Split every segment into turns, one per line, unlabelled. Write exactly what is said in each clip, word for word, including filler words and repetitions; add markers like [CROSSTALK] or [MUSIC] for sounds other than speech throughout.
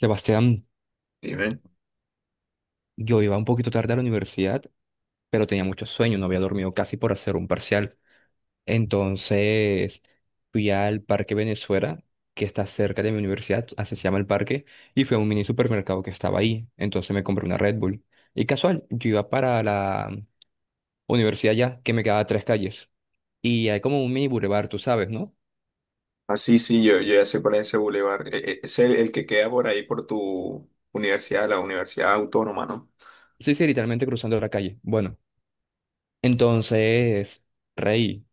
Sebastián,
Dime.
yo iba un poquito tarde a la universidad, pero tenía mucho sueño, no había dormido casi por hacer un parcial. Entonces fui al Parque Venezuela, que está cerca de mi universidad, así se llama el parque, y fui a un mini supermercado que estaba ahí. Entonces me compré una Red Bull. Y casual, yo iba para la universidad ya, que me quedaba a tres calles. Y hay como un mini bulevar, tú sabes, ¿no?
Ah, sí, sí, yo, yo ya sé cuál es ese bulevar. E- e- Es el, el que queda por ahí por tu universidad, la Universidad Autónoma, ¿no?
Sí, sí, literalmente cruzando la calle. Bueno, entonces, reí.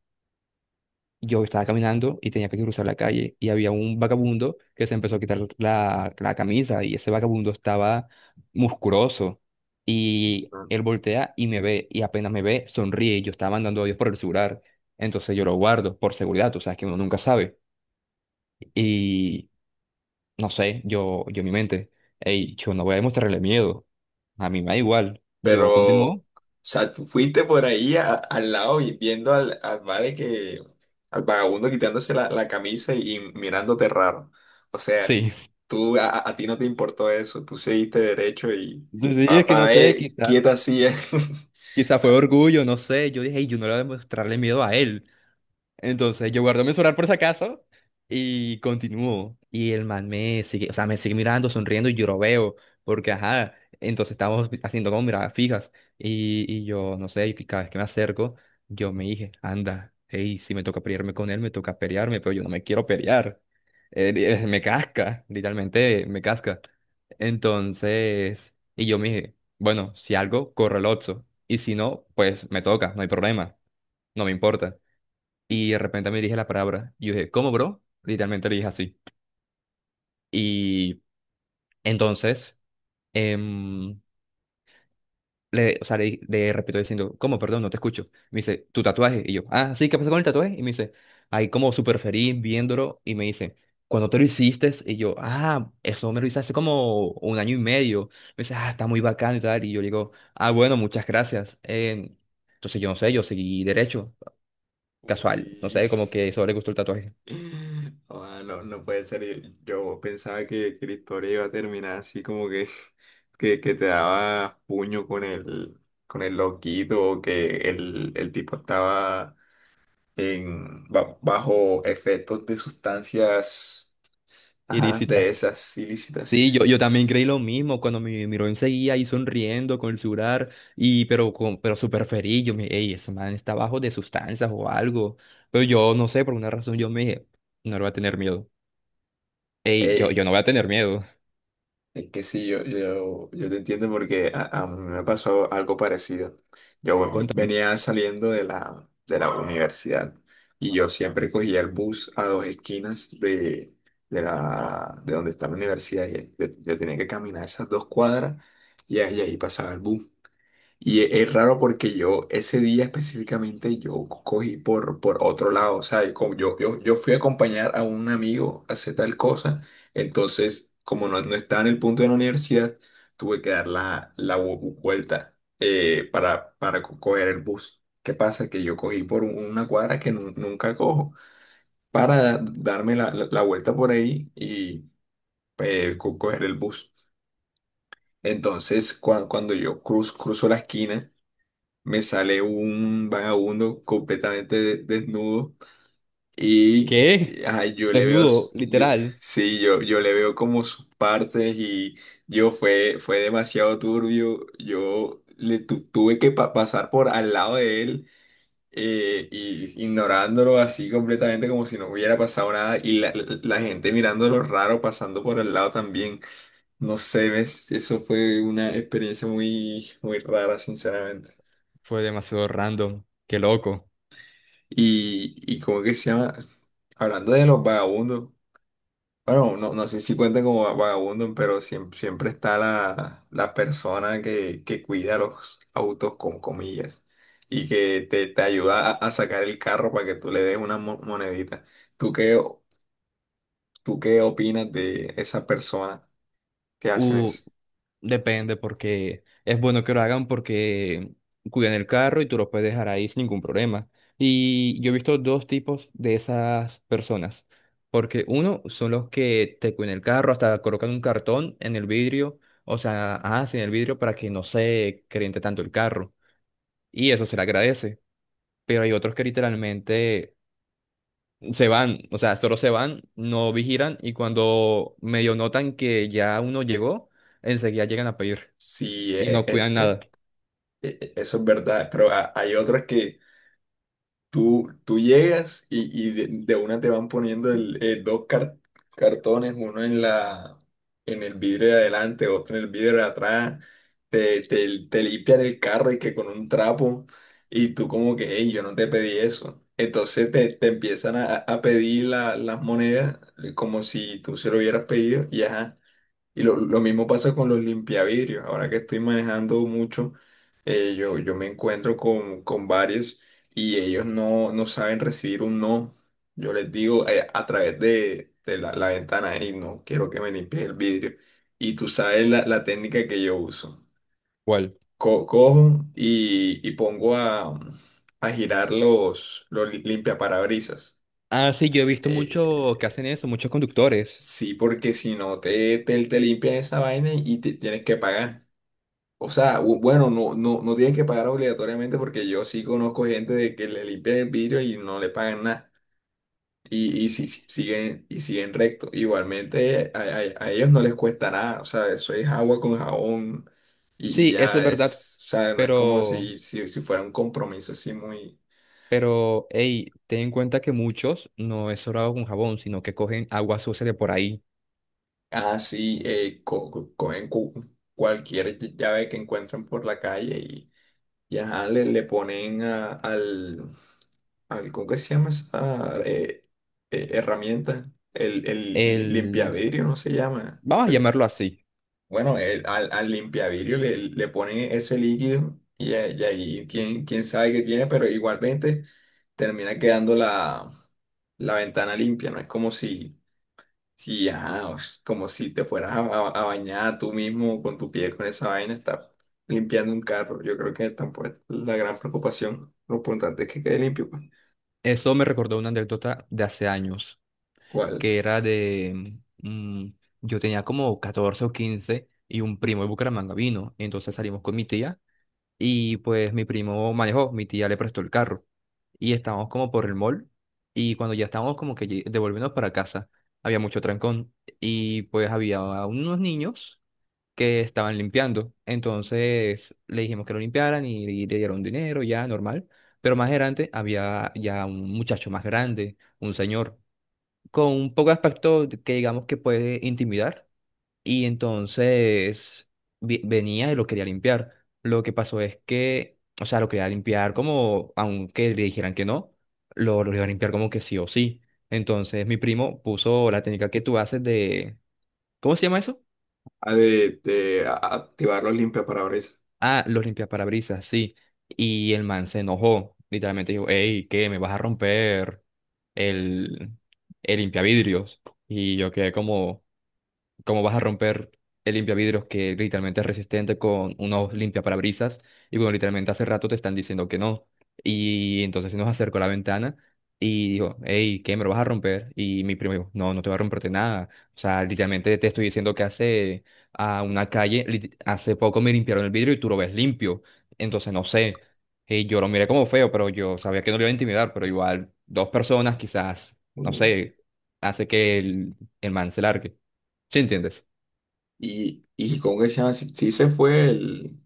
Yo estaba caminando y tenía que cruzar la calle y había un vagabundo que se empezó a quitar la, la camisa y ese vagabundo estaba musculoso y
Ujú.
él voltea y me ve y apenas me ve sonríe y yo estaba mandando audios por el celular. Entonces yo lo guardo por seguridad, tú sabes que uno nunca sabe. Y no sé, yo, yo en mi mente, hey, yo no voy a demostrarle miedo, a mí me da igual,
Pero,
yo
o
continúo.
sea, tú fuiste por ahí a- al lado y viendo al, al vale que, al vagabundo quitándose la, la camisa y, y mirándote raro. O sea,
Sí,
tú, a, a- a ti no te importó eso, tú seguiste derecho y,
[LAUGHS] sí, sí, es que no
papá,
sé,
eh, quieta
quizás,
así.
quizás fue orgullo, no sé, yo dije, "Ey, yo no le voy a demostrarle miedo a él." Entonces yo guardo mi celular por si acaso y continúo. Y el man me sigue, o sea, me sigue mirando, sonriendo y yo lo veo, porque ajá, entonces estamos haciendo como miradas fijas. Y, y yo, no sé, y cada vez que me acerco, yo me dije, anda, hey, si me toca pelearme con él, me toca pelearme, pero yo no me quiero pelear. Él- él me casca, literalmente me casca. Entonces, y yo me dije, bueno, si algo, corre el ocho. Y si no, pues me toca, no hay problema, no me importa. Y de repente me dirige la palabra. Y yo dije, ¿cómo, bro? Literalmente le dije así. Y entonces, em, le, o sea, le, di- le repito diciendo, ¿cómo? Perdón, no te escucho. Me dice, ¿tu tatuaje? Y yo, ah, sí, ¿qué pasó con el tatuaje? Y me dice, ahí como súper feliz viéndolo. Y me dice, ¿cuándo te lo hiciste? Y yo, ah, eso me lo hice hace como un año y medio. Me dice, ah, está muy bacano y tal. Y yo le digo, ah, bueno, muchas gracias. Em, entonces, yo no sé, yo seguí derecho,
[LAUGHS]
casual. No
Uy.
sé, como que eso le gustó el tatuaje.
[LAUGHS] Ah, no, no puede ser. Yo pensaba que, que la historia iba a terminar así como que, [LAUGHS] que, que te daba puño con el, con el loquito o que el, el tipo estaba en, ba- bajo efectos de sustancias, ajá, de
Irisitas.
esas ilícitas.
Sí, yo, yo también creí lo mismo cuando mi Miroin seguía ahí sonriendo con el celular, y, pero, con, pero súper feliz. Yo me dije, "Ey, ese man está bajo de sustancias o algo." Pero yo no sé, por una razón yo me dije, no le voy a tener miedo. Ey, yo,
Eh,
yo no voy a tener miedo.
Es que sí, yo, yo, yo te entiendo porque a, a mí me pasó algo parecido. Yo
[LAUGHS]
ve-
Cuéntame.
venía saliendo de la, de la universidad y yo siempre cogía el bus a dos esquinas de, de, la, de donde está la universidad. Y yo, yo tenía que caminar esas dos cuadras y ahí, ahí pasaba el bus. Y e- es raro porque yo ese día específicamente yo cogí por, por otro lado, o sea, y como yo, yo, yo fui a acompañar a un amigo a hacer tal cosa, entonces como no, no estaba en el punto de la universidad, tuve que dar la, la vu- vuelta, eh, para, para co- coger el bus. ¿Qué pasa? Que yo cogí por un- una cuadra que nu- nunca cojo para da- darme la, la- la vuelta por ahí y eh, co- coger el bus. Entonces, cua- cuando yo cruz, cruzo la esquina, me sale un vagabundo completamente de- desnudo y
¿Qué?
ajá, yo le veo, s-
Desnudo,
yo,
literal.
sí, yo, yo le veo como sus partes y yo fue, fue demasiado turbio, yo le tu- tuve que pa- pasar por al lado de él. Eh, y ignorándolo así completamente como si no hubiera pasado nada y la, la- la gente mirándolo raro pasando por al lado también. No sé, ves, eso fue una experiencia muy, muy rara, sinceramente.
Fue demasiado random. Qué loco.
Y, y como que se llama, hablando de los vagabundos, bueno, no, no sé si cuentan como va- vagabundos, pero siempre, siempre está la, la persona que, que cuida los autos con comillas y que te, te ayuda a, a sacar el carro para que tú le des una mo- monedita. ¿Tú qué, o- tú qué opinas de esa persona que hacen
Uh,
eso?
depende porque es bueno que lo hagan porque cuidan el carro y tú lo puedes dejar ahí sin ningún problema. Y yo he visto dos tipos de esas personas. Porque uno son los que te cuidan el carro, hasta colocan un cartón en el vidrio, o sea, hacen el vidrio para que no se caliente tanto el carro. Y eso se le agradece. Pero hay otros que literalmente se van, o sea, solo se van, no vigilan y cuando medio notan que ya uno llegó, enseguida llegan a pedir
Sí,
y
eh,
no
eh,
cuidan
eh,
nada.
eh, eh, eso es verdad, pero ha- hay otras que... Tú, tú llegas y, y de, de una te van poniendo el, eh, dos car- cartones, uno en la, en el vidrio de adelante, otro en el vidrio de atrás, te, te, te limpian el carro y que con un trapo, y tú como que, hey, yo no te pedí eso. Entonces te, te empiezan a, a pedir la- las monedas, eh, como si tú se lo hubieras pedido, y ajá. Y lo, lo mismo pasa con los limpiavidrios. Ahora que estoy manejando mucho, eh, yo, yo me encuentro con, con varios y ellos no, no saben recibir un no. Yo les digo, eh, a través de, de la, la ventana, y no, quiero que me limpies el vidrio. Y tú sabes la, la técnica que yo uso.
¿Cuál?
Co- cojo y, y pongo a, a girar los, los li- limpiaparabrisas.
Ah, sí, yo he visto mucho que hacen
Eh,
eso, muchos conductores.
sí, porque si no te, te, te limpian esa vaina y te tienes que pagar. O sea, u- bueno, no, no, no tienen que pagar obligatoriamente porque yo sí conozco gente de que le limpian el vidrio y no le pagan nada. Y, y si, si- siguen, y siguen recto. Igualmente a, a- a ellos no les cuesta nada. O sea, eso es agua con jabón y, y
Sí, eso
ya
es verdad.
es, o sea, no es como
Pero,
si, si, si fuera un compromiso así muy
pero, hey, ten en cuenta que muchos no es sobrado con jabón, sino que cogen agua sucia de por ahí.
así, eh, co- co- cogen cu- cualquier llave que encuentren por la calle y, y ajá, le, le ponen a- al... al- ¿Cómo que se llama esa, eh, eh, herramienta? El, el li-
El,
limpiavidrio no se llama.
vamos a
Yo que-...
llamarlo así.
Bueno, el- al, al limpiavidrio le, le ponen ese líquido y, a- y ahí quién, quién sabe qué tiene, pero igualmente termina quedando la, la ventana limpia. No es como si, si ajá, o s- como si te fueras a, a- a bañar tú mismo con tu piel con esa vaina, está limpiando un carro. Yo creo que tampoco es la gran preocupación. Lo importante es que quede limpio, pues.
Eso me recordó una anécdota de hace años,
¿Cuál?
que era de, mm, yo tenía como catorce o quince y un primo de Bucaramanga vino, entonces salimos con mi tía. Y pues mi primo manejó, mi tía le prestó el carro. Y estábamos como por el mall. Y cuando ya estábamos como que lle- devolviéndonos para casa, había mucho trancón. Y pues había unos niños que estaban limpiando. Entonces le dijimos que lo limpiaran y, y le dieron dinero, ya normal. Pero más adelante había ya un muchacho más grande, un señor, con un poco de aspecto que digamos que puede intimidar y entonces vi- venía y lo quería limpiar. Lo que pasó es que, o sea, lo quería limpiar como, aunque le dijeran que no, lo, lo iba a limpiar como que sí o sí. Entonces mi primo puso la técnica que tú haces de, ¿cómo se llama eso?
A- de, de a- activar los limpiaparabrisas.
Ah, los limpiaparabrisas, sí. Y el man se enojó. Literalmente dijo, hey, ¿qué? ¿Me vas a romper el, el limpiavidrios? Y yo quedé como... cómo vas a romper el limpiavidrios que literalmente es resistente con unos limpiaparabrisas y bueno, literalmente hace rato te están diciendo que no. Y entonces se nos acercó a la ventana y dijo, hey, ¿qué me lo vas a romper? Y mi primo dijo, no, no te va a romperte nada. O sea, literalmente te estoy diciendo que hace a una calle, lit- hace poco me limpiaron el vidrio y tú lo ves limpio. Entonces no sé. Y yo lo miré como feo, pero yo sabía que no lo iba a intimidar, pero igual dos personas quizás, no
Mm.
sé, hace que el, el man se largue. ¿Sí entiendes?
Y, y con ese, ah, sí, sí se fue el,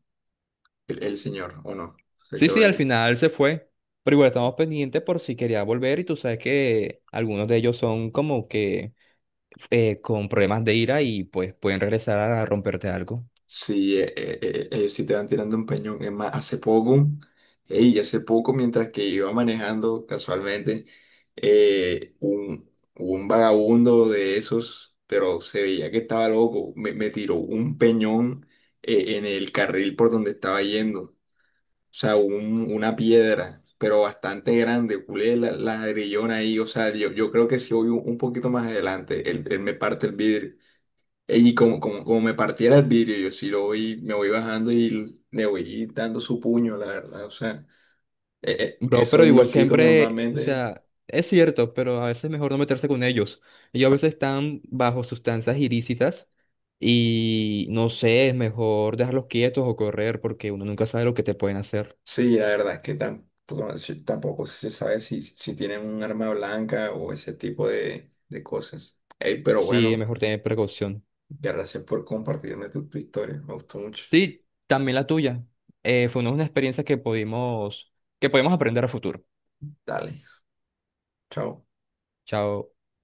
el, el señor, ¿o no? Se
Sí,
quedó
sí, al
ahí.
final se fue, pero igual estamos pendientes por si quería volver y tú sabes que algunos de ellos son como que eh, con problemas de ira y pues pueden regresar a romperte algo.
Sí, eh, eh, eh, ellos sí te van tirando un peñón. Es más, hace poco, ey, hace poco, mientras que iba manejando casualmente, eh, un, un vagabundo de esos, pero se veía que estaba loco, me, me tiró un peñón, eh, en el carril por donde estaba yendo. O sea, un- una piedra, pero bastante grande, culé la, la grillona ahí, o sea, yo, yo creo que si voy un, un poquito más adelante, él, él me parte el vidrio. Ey, y como, como, como me partiera el vidrio, yo sí lo voy, me voy bajando y le voy dando su puño, la verdad, o sea, eh, eh,
Bro, pero
esos
igual
loquitos
siempre, o
normalmente...
sea, es cierto, pero a veces es mejor no meterse con ellos. Ellos a veces están bajo sustancias ilícitas y no sé, es mejor dejarlos quietos o correr porque uno nunca sabe lo que te pueden hacer.
Sí, la verdad es que tam- to- sí, tampoco se sabe si, si tienen un arma blanca o ese tipo de, de cosas. Ey, pero
Sí, es
bueno,
mejor tener precaución.
gracias por compartirme tu tu historia, me gustó mucho,
Sí, también la tuya. Eh, fue una, una experiencia que pudimos, que podemos aprender a futuro.
dale. Chao.
Chao.